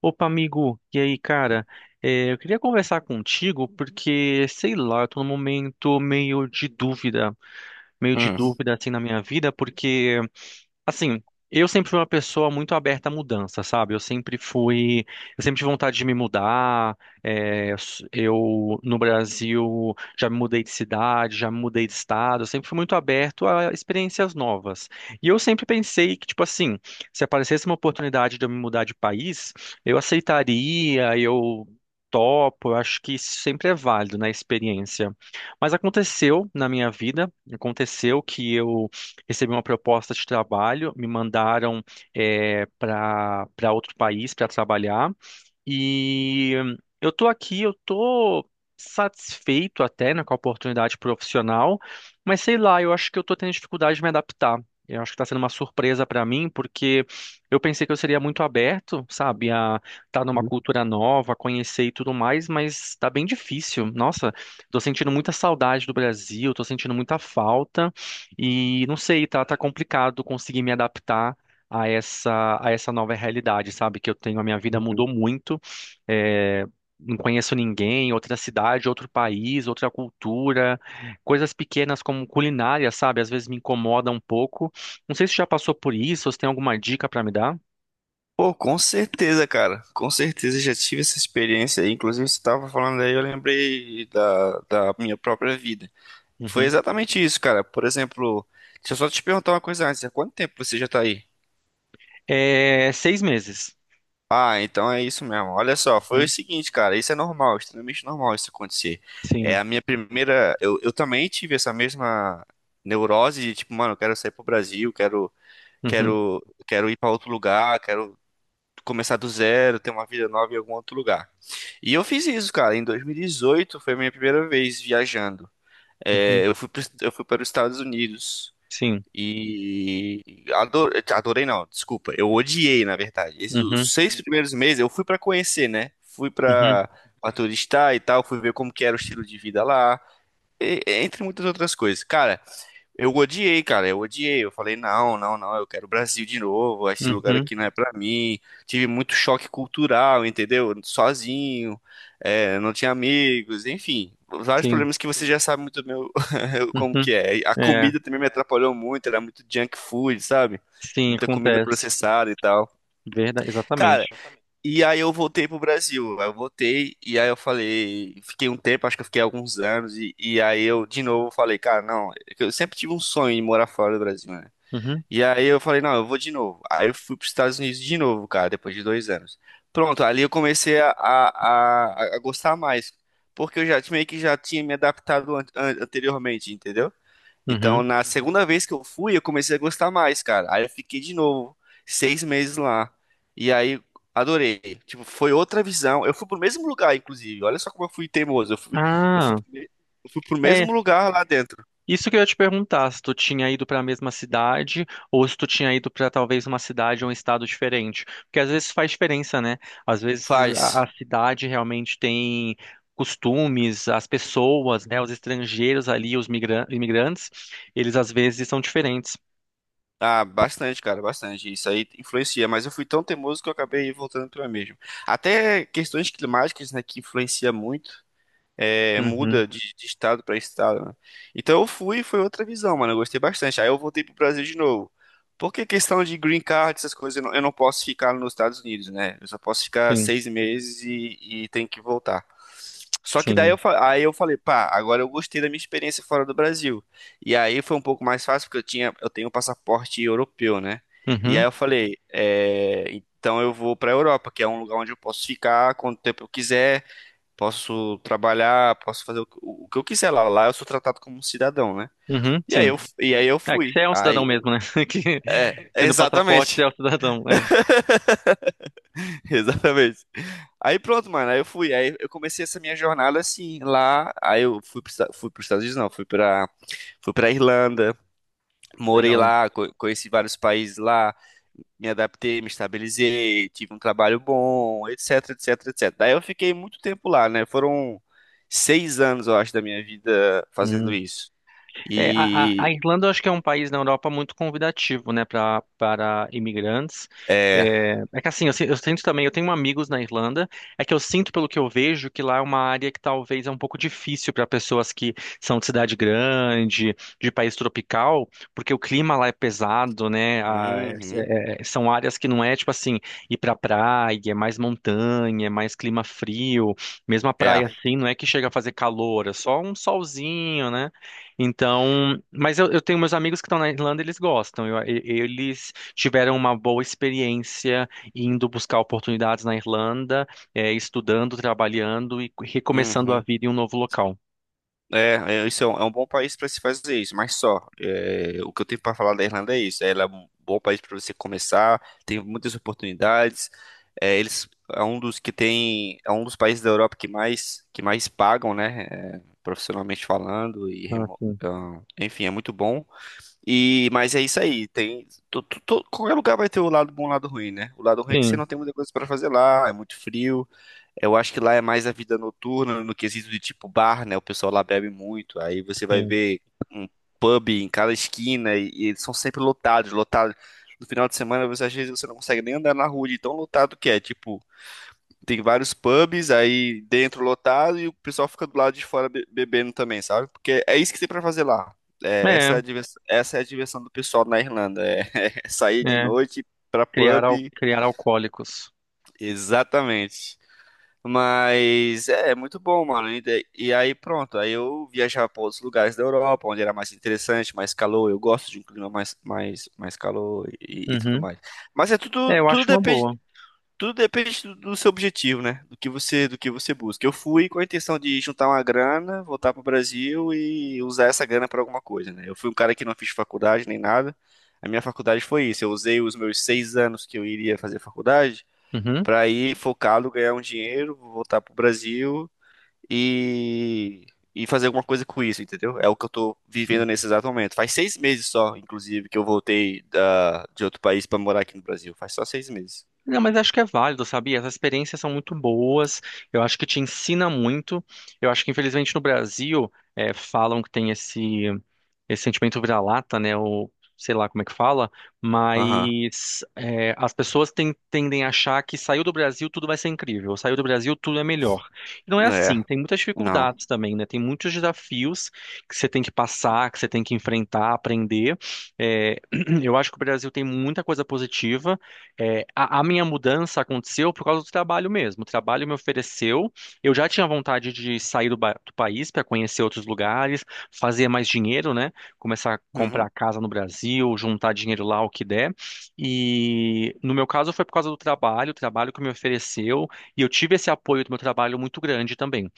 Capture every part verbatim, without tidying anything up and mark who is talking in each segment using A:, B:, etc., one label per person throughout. A: Opa, amigo, e aí, cara? É, eu queria conversar contigo porque, sei lá, eu tô num momento meio de dúvida, meio de
B: Hum.
A: dúvida assim na minha vida, porque assim, eu sempre fui uma pessoa muito aberta à mudança, sabe? Eu sempre fui, eu sempre tive vontade de me mudar. É, eu no Brasil já me mudei de cidade, já me mudei de estado. Eu sempre fui muito aberto a experiências novas. E eu sempre pensei que, tipo assim, se aparecesse uma oportunidade de eu me mudar de país, eu aceitaria, eu topo. Eu acho que isso sempre é válido na experiência. Mas aconteceu na minha vida, aconteceu que eu recebi uma proposta de trabalho, me mandaram para para outro país para trabalhar e eu estou aqui, eu estou satisfeito até, né, com a oportunidade profissional, mas sei lá, eu acho que eu estou tendo dificuldade de me adaptar. Eu acho que está sendo uma surpresa para mim, porque eu pensei que eu seria muito aberto, sabe, a estar numa cultura nova, conhecer e tudo mais, mas está bem difícil. Nossa, estou sentindo muita saudade do Brasil, estou sentindo muita falta. E não sei, tá, tá complicado conseguir me adaptar a essa, a essa nova realidade, sabe? Que eu tenho, a minha vida
B: Uhum.
A: mudou muito. é, não conheço ninguém, outra cidade, outro país, outra cultura. Coisas pequenas como culinária, sabe? Às vezes me incomoda um pouco. Não sei se já passou por isso, ou se tem alguma dica pra me dar.
B: Pô, com certeza, cara. Com certeza já tive essa experiência aí. Inclusive, você tava falando aí, eu lembrei da, da minha própria vida. Foi
A: Uhum.
B: exatamente isso, cara. Por exemplo, deixa eu só te perguntar uma coisa antes. Há quanto tempo você já tá aí?
A: É, seis meses.
B: Ah, então é isso mesmo. Olha só, foi o
A: Uhum.
B: seguinte, cara. Isso é normal, extremamente normal isso acontecer. É
A: Sim.
B: a minha primeira. Eu, eu também tive essa mesma neurose de tipo, mano, eu quero sair pro Brasil, quero,
A: Uhum.
B: quero, quero ir pra outro lugar, quero começar do zero, ter uma vida nova em algum outro lugar. E eu fiz isso, cara. Em dois mil e dezoito foi a minha primeira vez viajando.
A: Uhum.
B: É, eu fui, pro- eu fui para os Estados Unidos
A: Sim.
B: e adorei, adorei não, desculpa, eu odiei, na verdade. Esses,
A: Uhum.
B: os seis primeiros meses eu fui para conhecer, né? Fui
A: Uhum.
B: para turistar e tal, fui ver como que era o estilo de vida lá, e- entre muitas outras coisas. Cara, eu odiei, cara, eu odiei. Eu falei, não, não, não, eu quero o Brasil de novo. Esse lugar
A: Uhum.
B: aqui não é pra mim. Tive muito choque cultural, entendeu? Sozinho, é, não tinha amigos, enfim. Vários
A: Sim.
B: problemas que você já sabe muito bem o- como
A: Uhum.
B: que é. A
A: É.
B: comida também me atrapalhou muito, era muito junk food, sabe?
A: Sim,
B: Muita comida
A: acontece.
B: processada e tal.
A: Verdade,
B: Cara,
A: exatamente.
B: e aí eu voltei pro Brasil. Aí eu voltei e aí eu falei, fiquei um tempo, acho que eu fiquei alguns anos e, e aí eu de novo falei, cara, não, eu sempre tive um sonho de morar fora do Brasil, né?
A: Uhum,
B: E aí eu falei, não, eu vou de novo. Aí eu fui pros Estados Unidos de novo, cara, depois de dois anos. Pronto, ali eu comecei a, a, a, a gostar mais, porque eu já meio que já tinha me adaptado an- an- anteriormente, entendeu? Então,
A: uhum.
B: na segunda vez que eu fui, eu comecei a gostar mais, cara. Aí eu fiquei de novo, seis meses lá. E aí, adorei. Tipo, foi outra visão. Eu fui pro mesmo lugar, inclusive. Olha só como eu fui teimoso. Eu fui, eu fui,
A: Ah,
B: eu fui pro
A: é.
B: mesmo lugar lá dentro.
A: Isso que eu ia te perguntar, se tu tinha ido para a mesma cidade ou se tu tinha ido para talvez uma cidade ou um estado diferente. Porque às vezes faz diferença, né? Às vezes a, a
B: Faz.
A: cidade realmente tem costumes, as pessoas, né, os estrangeiros ali, os migra- imigrantes, eles às vezes são diferentes.
B: Ah, bastante, cara, bastante. Isso aí influencia, mas eu fui tão teimoso que eu acabei voltando pra mesmo. Até questões climáticas, né, que influencia muito. É,
A: Uhum,
B: muda de, de estado para estado, né? Então eu fui, foi outra visão, mano. Eu gostei bastante. Aí eu voltei pro Brasil de novo. Porque questão de green card, essas coisas, eu não, eu não posso ficar nos Estados Unidos, né? Eu só posso ficar
A: sim,
B: seis meses e, e tenho que voltar. Só que daí eu,
A: sim.
B: fa- aí eu falei, pá, agora eu gostei da minha experiência fora do Brasil. E aí foi um pouco mais fácil, porque eu tinha, eu tenho um passaporte europeu, né? E aí
A: Uhum,
B: eu falei, é, então eu vou pra Europa, que é um lugar onde eu posso ficar quanto tempo eu quiser, posso trabalhar, posso fazer o, que o que eu quiser lá. Lá eu sou tratado como um cidadão, né?
A: uhum,
B: E aí
A: sim.
B: eu, e aí eu
A: É que você
B: fui.
A: é um cidadão
B: Aí,
A: mesmo, né? Que
B: é,
A: tendo passaporte, você
B: exatamente.
A: é um cidadão. É,
B: Exatamente. Aí pronto, mano. Aí eu fui. Aí eu comecei essa minha jornada assim, lá. Aí eu fui para fui os Estados Unidos, não. Fui pra, fui pra Irlanda. Morei
A: legal.
B: lá, co- conheci vários países lá. Me adaptei, me estabilizei. Tive um trabalho bom, etc, etc, etcétera. Daí eu fiquei muito tempo lá, né? Foram seis anos, eu acho, da minha vida fazendo
A: Hum.
B: isso.
A: É, a, a-
B: E
A: a Irlanda eu acho que é um país na Europa muito convidativo, né, para para imigrantes.
B: é,
A: É, é que assim, eu, si- eu sinto também, eu tenho amigos na Irlanda, é que eu sinto pelo que eu vejo que lá é uma área que talvez é um pouco difícil para pessoas que são de cidade grande, de país tropical, porque o clima lá é pesado, né? A- é-
B: uhum,
A: é- é, são áreas que não é tipo assim, ir pra praia, é mais montanha, é mais clima frio, mesmo a
B: é,
A: praia assim, não é que chega a fazer calor, é só um solzinho, né? Então, mas eu, eu tenho meus amigos que estão na Irlanda, eles gostam. Eu- e- eles tiveram uma boa experiência indo buscar oportunidades na Irlanda, eh, estudando, trabalhando e recomeçando a
B: uhum,
A: vida em um novo local.
B: é, é, isso é um, é um bom país para se fazer isso, mas só, é, o que eu tenho para falar da Irlanda é isso, ela é um bom país para você começar, tem muitas oportunidades, é, eles é um dos que tem, é um dos países da Europa que mais que mais pagam, né, é, profissionalmente falando e
A: Ah,
B: remo-
A: sim.
B: ah, enfim, é muito bom. E, mas é isso aí. Tem, to- to- to- Qualquer lugar vai ter o lado bom e o lado ruim, né? O lado ruim é que você
A: Sim,
B: não tem muita coisa para fazer lá, é muito frio. Eu acho que lá é mais a vida noturna, no quesito de tipo bar, né? O pessoal lá bebe muito. Aí você vai
A: sim.
B: ver um pub em cada esquina e, e eles são sempre lotados, lotados. No final de semana, você, às vezes você não consegue nem andar na rua de tão lotado que é. Tipo, tem vários pubs aí dentro lotado e o pessoal fica do lado de fora be- bebendo também, sabe? Porque é isso que tem pra fazer lá. É, essa é
A: É,
B: a diversão, essa é a diversão do pessoal na Irlanda. É, é sair de
A: é.
B: noite pra
A: Criar,
B: pub.
A: al- criar alcoólicos.
B: Exatamente. Mas é, é muito bom, mano. E, daí- e aí pronto, aí eu viajava para outros lugares da Europa, onde era mais interessante, mais calor. Eu gosto de um clima mais, mais, mais calor e, e tudo
A: Uhum.
B: mais. Mas é
A: É,
B: tudo,
A: eu
B: tudo
A: acho uma
B: depende,
A: boa.
B: tudo depende do do seu objetivo, né? Do que você, do que você busca. Eu fui com a intenção de juntar uma grana, voltar para o Brasil e usar essa grana para alguma coisa, né? Eu fui um cara que não fiz faculdade nem nada. A minha faculdade foi isso. Eu usei os meus seis anos que eu iria fazer faculdade
A: Uhum.
B: para ir focado, ganhar um dinheiro, voltar pro Brasil e, e fazer alguma coisa com isso, entendeu? É o que eu tô vivendo nesse exato momento. Faz seis meses só, inclusive, que eu voltei da, de outro país para morar aqui no Brasil. Faz só seis meses.
A: Não, mas acho que é válido, sabe? As experiências são muito boas, eu acho que te ensina muito. Eu acho que, infelizmente, no Brasil, eh, falam que tem esse, esse sentimento vira-lata, né? Ou sei lá como é que fala,
B: Aham.
A: mas eh, as pessoas ten- tendem a achar que saiu do Brasil tudo vai ser incrível, saiu do Brasil tudo é melhor. E não é assim,
B: É,
A: tem muitas
B: não.
A: dificuldades também, né? Tem muitos desafios que você tem que passar, que você tem que enfrentar, aprender. Eh, eu acho que o Brasil tem muita coisa positiva. É, a, a minha mudança aconteceu por causa do trabalho mesmo. O trabalho me ofereceu. Eu já tinha vontade de sair do, ba- do país para conhecer outros lugares, fazer mais dinheiro, né? Começar a comprar
B: Uhum.
A: casa no Brasil, juntar dinheiro lá, o que der. E no meu caso foi por causa do trabalho, o trabalho que me ofereceu. E eu tive esse apoio do meu trabalho muito grande também.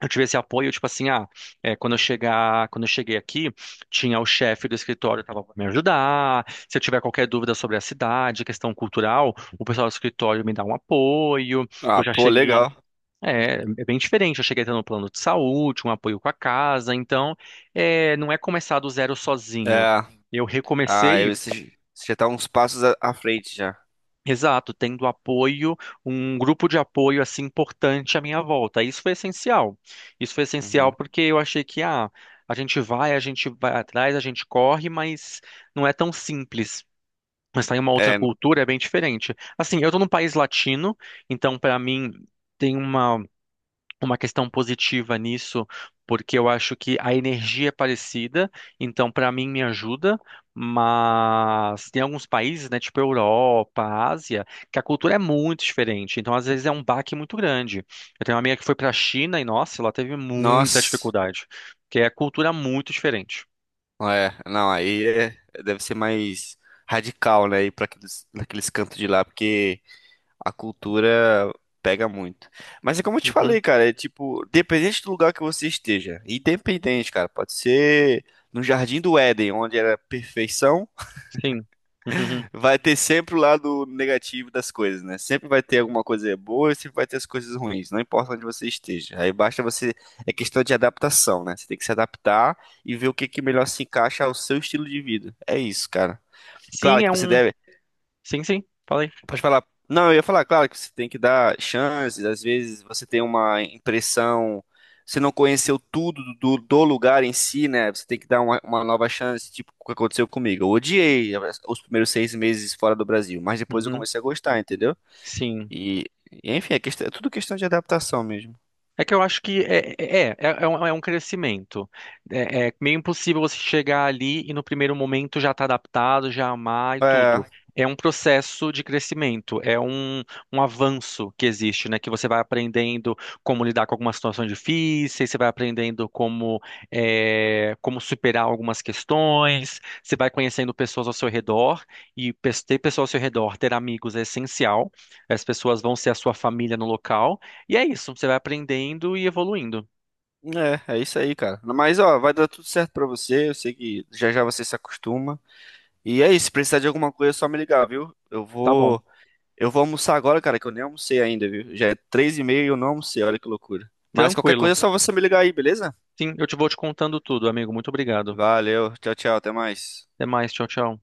A: Eu tive esse apoio, tipo assim, ah, é, quando eu chegar, quando eu cheguei aqui, tinha o chefe do escritório que estava para me ajudar. Se eu tiver qualquer dúvida sobre a cidade, questão cultural, o pessoal do escritório me dá um apoio. Eu
B: Ah,
A: já
B: pô,
A: cheguei,
B: legal.
A: é, é bem diferente. Eu cheguei tendo um plano de saúde, um apoio com a casa. Então, é, não é começar do zero sozinho.
B: É.
A: Eu
B: Ah,
A: recomecei
B: eu, você você já tá uns passos à à frente já.
A: Exato, tendo apoio, um grupo de apoio assim importante à minha volta. Isso foi essencial. Isso foi essencial
B: Uhum.
A: porque eu achei que ah, a gente vai, a gente vai atrás, a gente corre, mas não é tão simples. Mas tá em uma outra
B: É,
A: cultura é bem diferente. Assim, eu tô num país latino, então para mim tem uma uma questão positiva nisso, porque eu acho que a energia é parecida, então para mim me ajuda, mas tem alguns países, né, tipo Europa, Ásia, que a cultura é muito diferente, então às vezes é um baque muito grande. Eu tenho uma amiga que foi para a China e nossa, ela teve muita
B: nossa.
A: dificuldade, porque é a cultura é muito diferente.
B: É, não, aí é- deve ser mais radical, né, ir pra aqueles, naqueles cantos de lá, porque a cultura pega muito. Mas é como eu te
A: Uhum,
B: falei, cara, é tipo, dependente do lugar que você esteja, independente, cara, pode ser no Jardim do Éden, onde era perfeição,
A: sim. Uhum. Uhum.
B: vai ter sempre o lado negativo das coisas, né? Sempre vai ter alguma coisa boa e sempre vai ter as coisas ruins, não importa onde você esteja. Aí basta você, é questão de adaptação, né? Você tem que se adaptar e ver o que que melhor se encaixa ao seu estilo de vida. É isso, cara. Claro
A: Sim, é
B: que você
A: um.
B: deve.
A: Sim, sim. Falei.
B: Pode falar. Não, eu ia falar, claro, que você tem que dar chances, às vezes você tem uma impressão, você não conheceu tudo do, do lugar em si, né? Você tem que dar uma, uma nova chance, tipo o que aconteceu comigo. Eu odiei os primeiros seis meses fora do Brasil, mas depois eu
A: Uhum.
B: comecei a gostar, entendeu?
A: Sim.
B: E, enfim, é, questão- é tudo questão de adaptação mesmo.
A: É que eu acho que é, é, é, é é um, é um crescimento. É, é meio impossível você chegar ali e no primeiro momento já estar adaptado, já amar e
B: É,
A: tudo. É um processo de crescimento, é um, um avanço que existe, né? Que você vai aprendendo como lidar com algumas situações difíceis, você vai aprendendo como, é, como superar algumas questões, você vai conhecendo pessoas ao seu redor, e pe- ter pessoas ao seu redor, ter amigos é essencial. As pessoas vão ser a sua família no local. E é isso, você vai aprendendo e evoluindo.
B: é, é isso aí, cara. Mas, ó, vai dar tudo certo pra você, eu sei que já já você se acostuma. E é isso, se precisar de alguma coisa é só me ligar, viu? Eu
A: Tá bom,
B: vou. Eu vou almoçar agora, cara, que eu nem almocei ainda, viu? Já é três e meia e eu não almocei, olha que loucura. Mas qualquer coisa
A: tranquilo.
B: é só você me ligar aí, beleza?
A: Sim, eu te vou te contando tudo, amigo. Muito obrigado.
B: Valeu, tchau, tchau, até mais.
A: Até mais, tchau, tchau.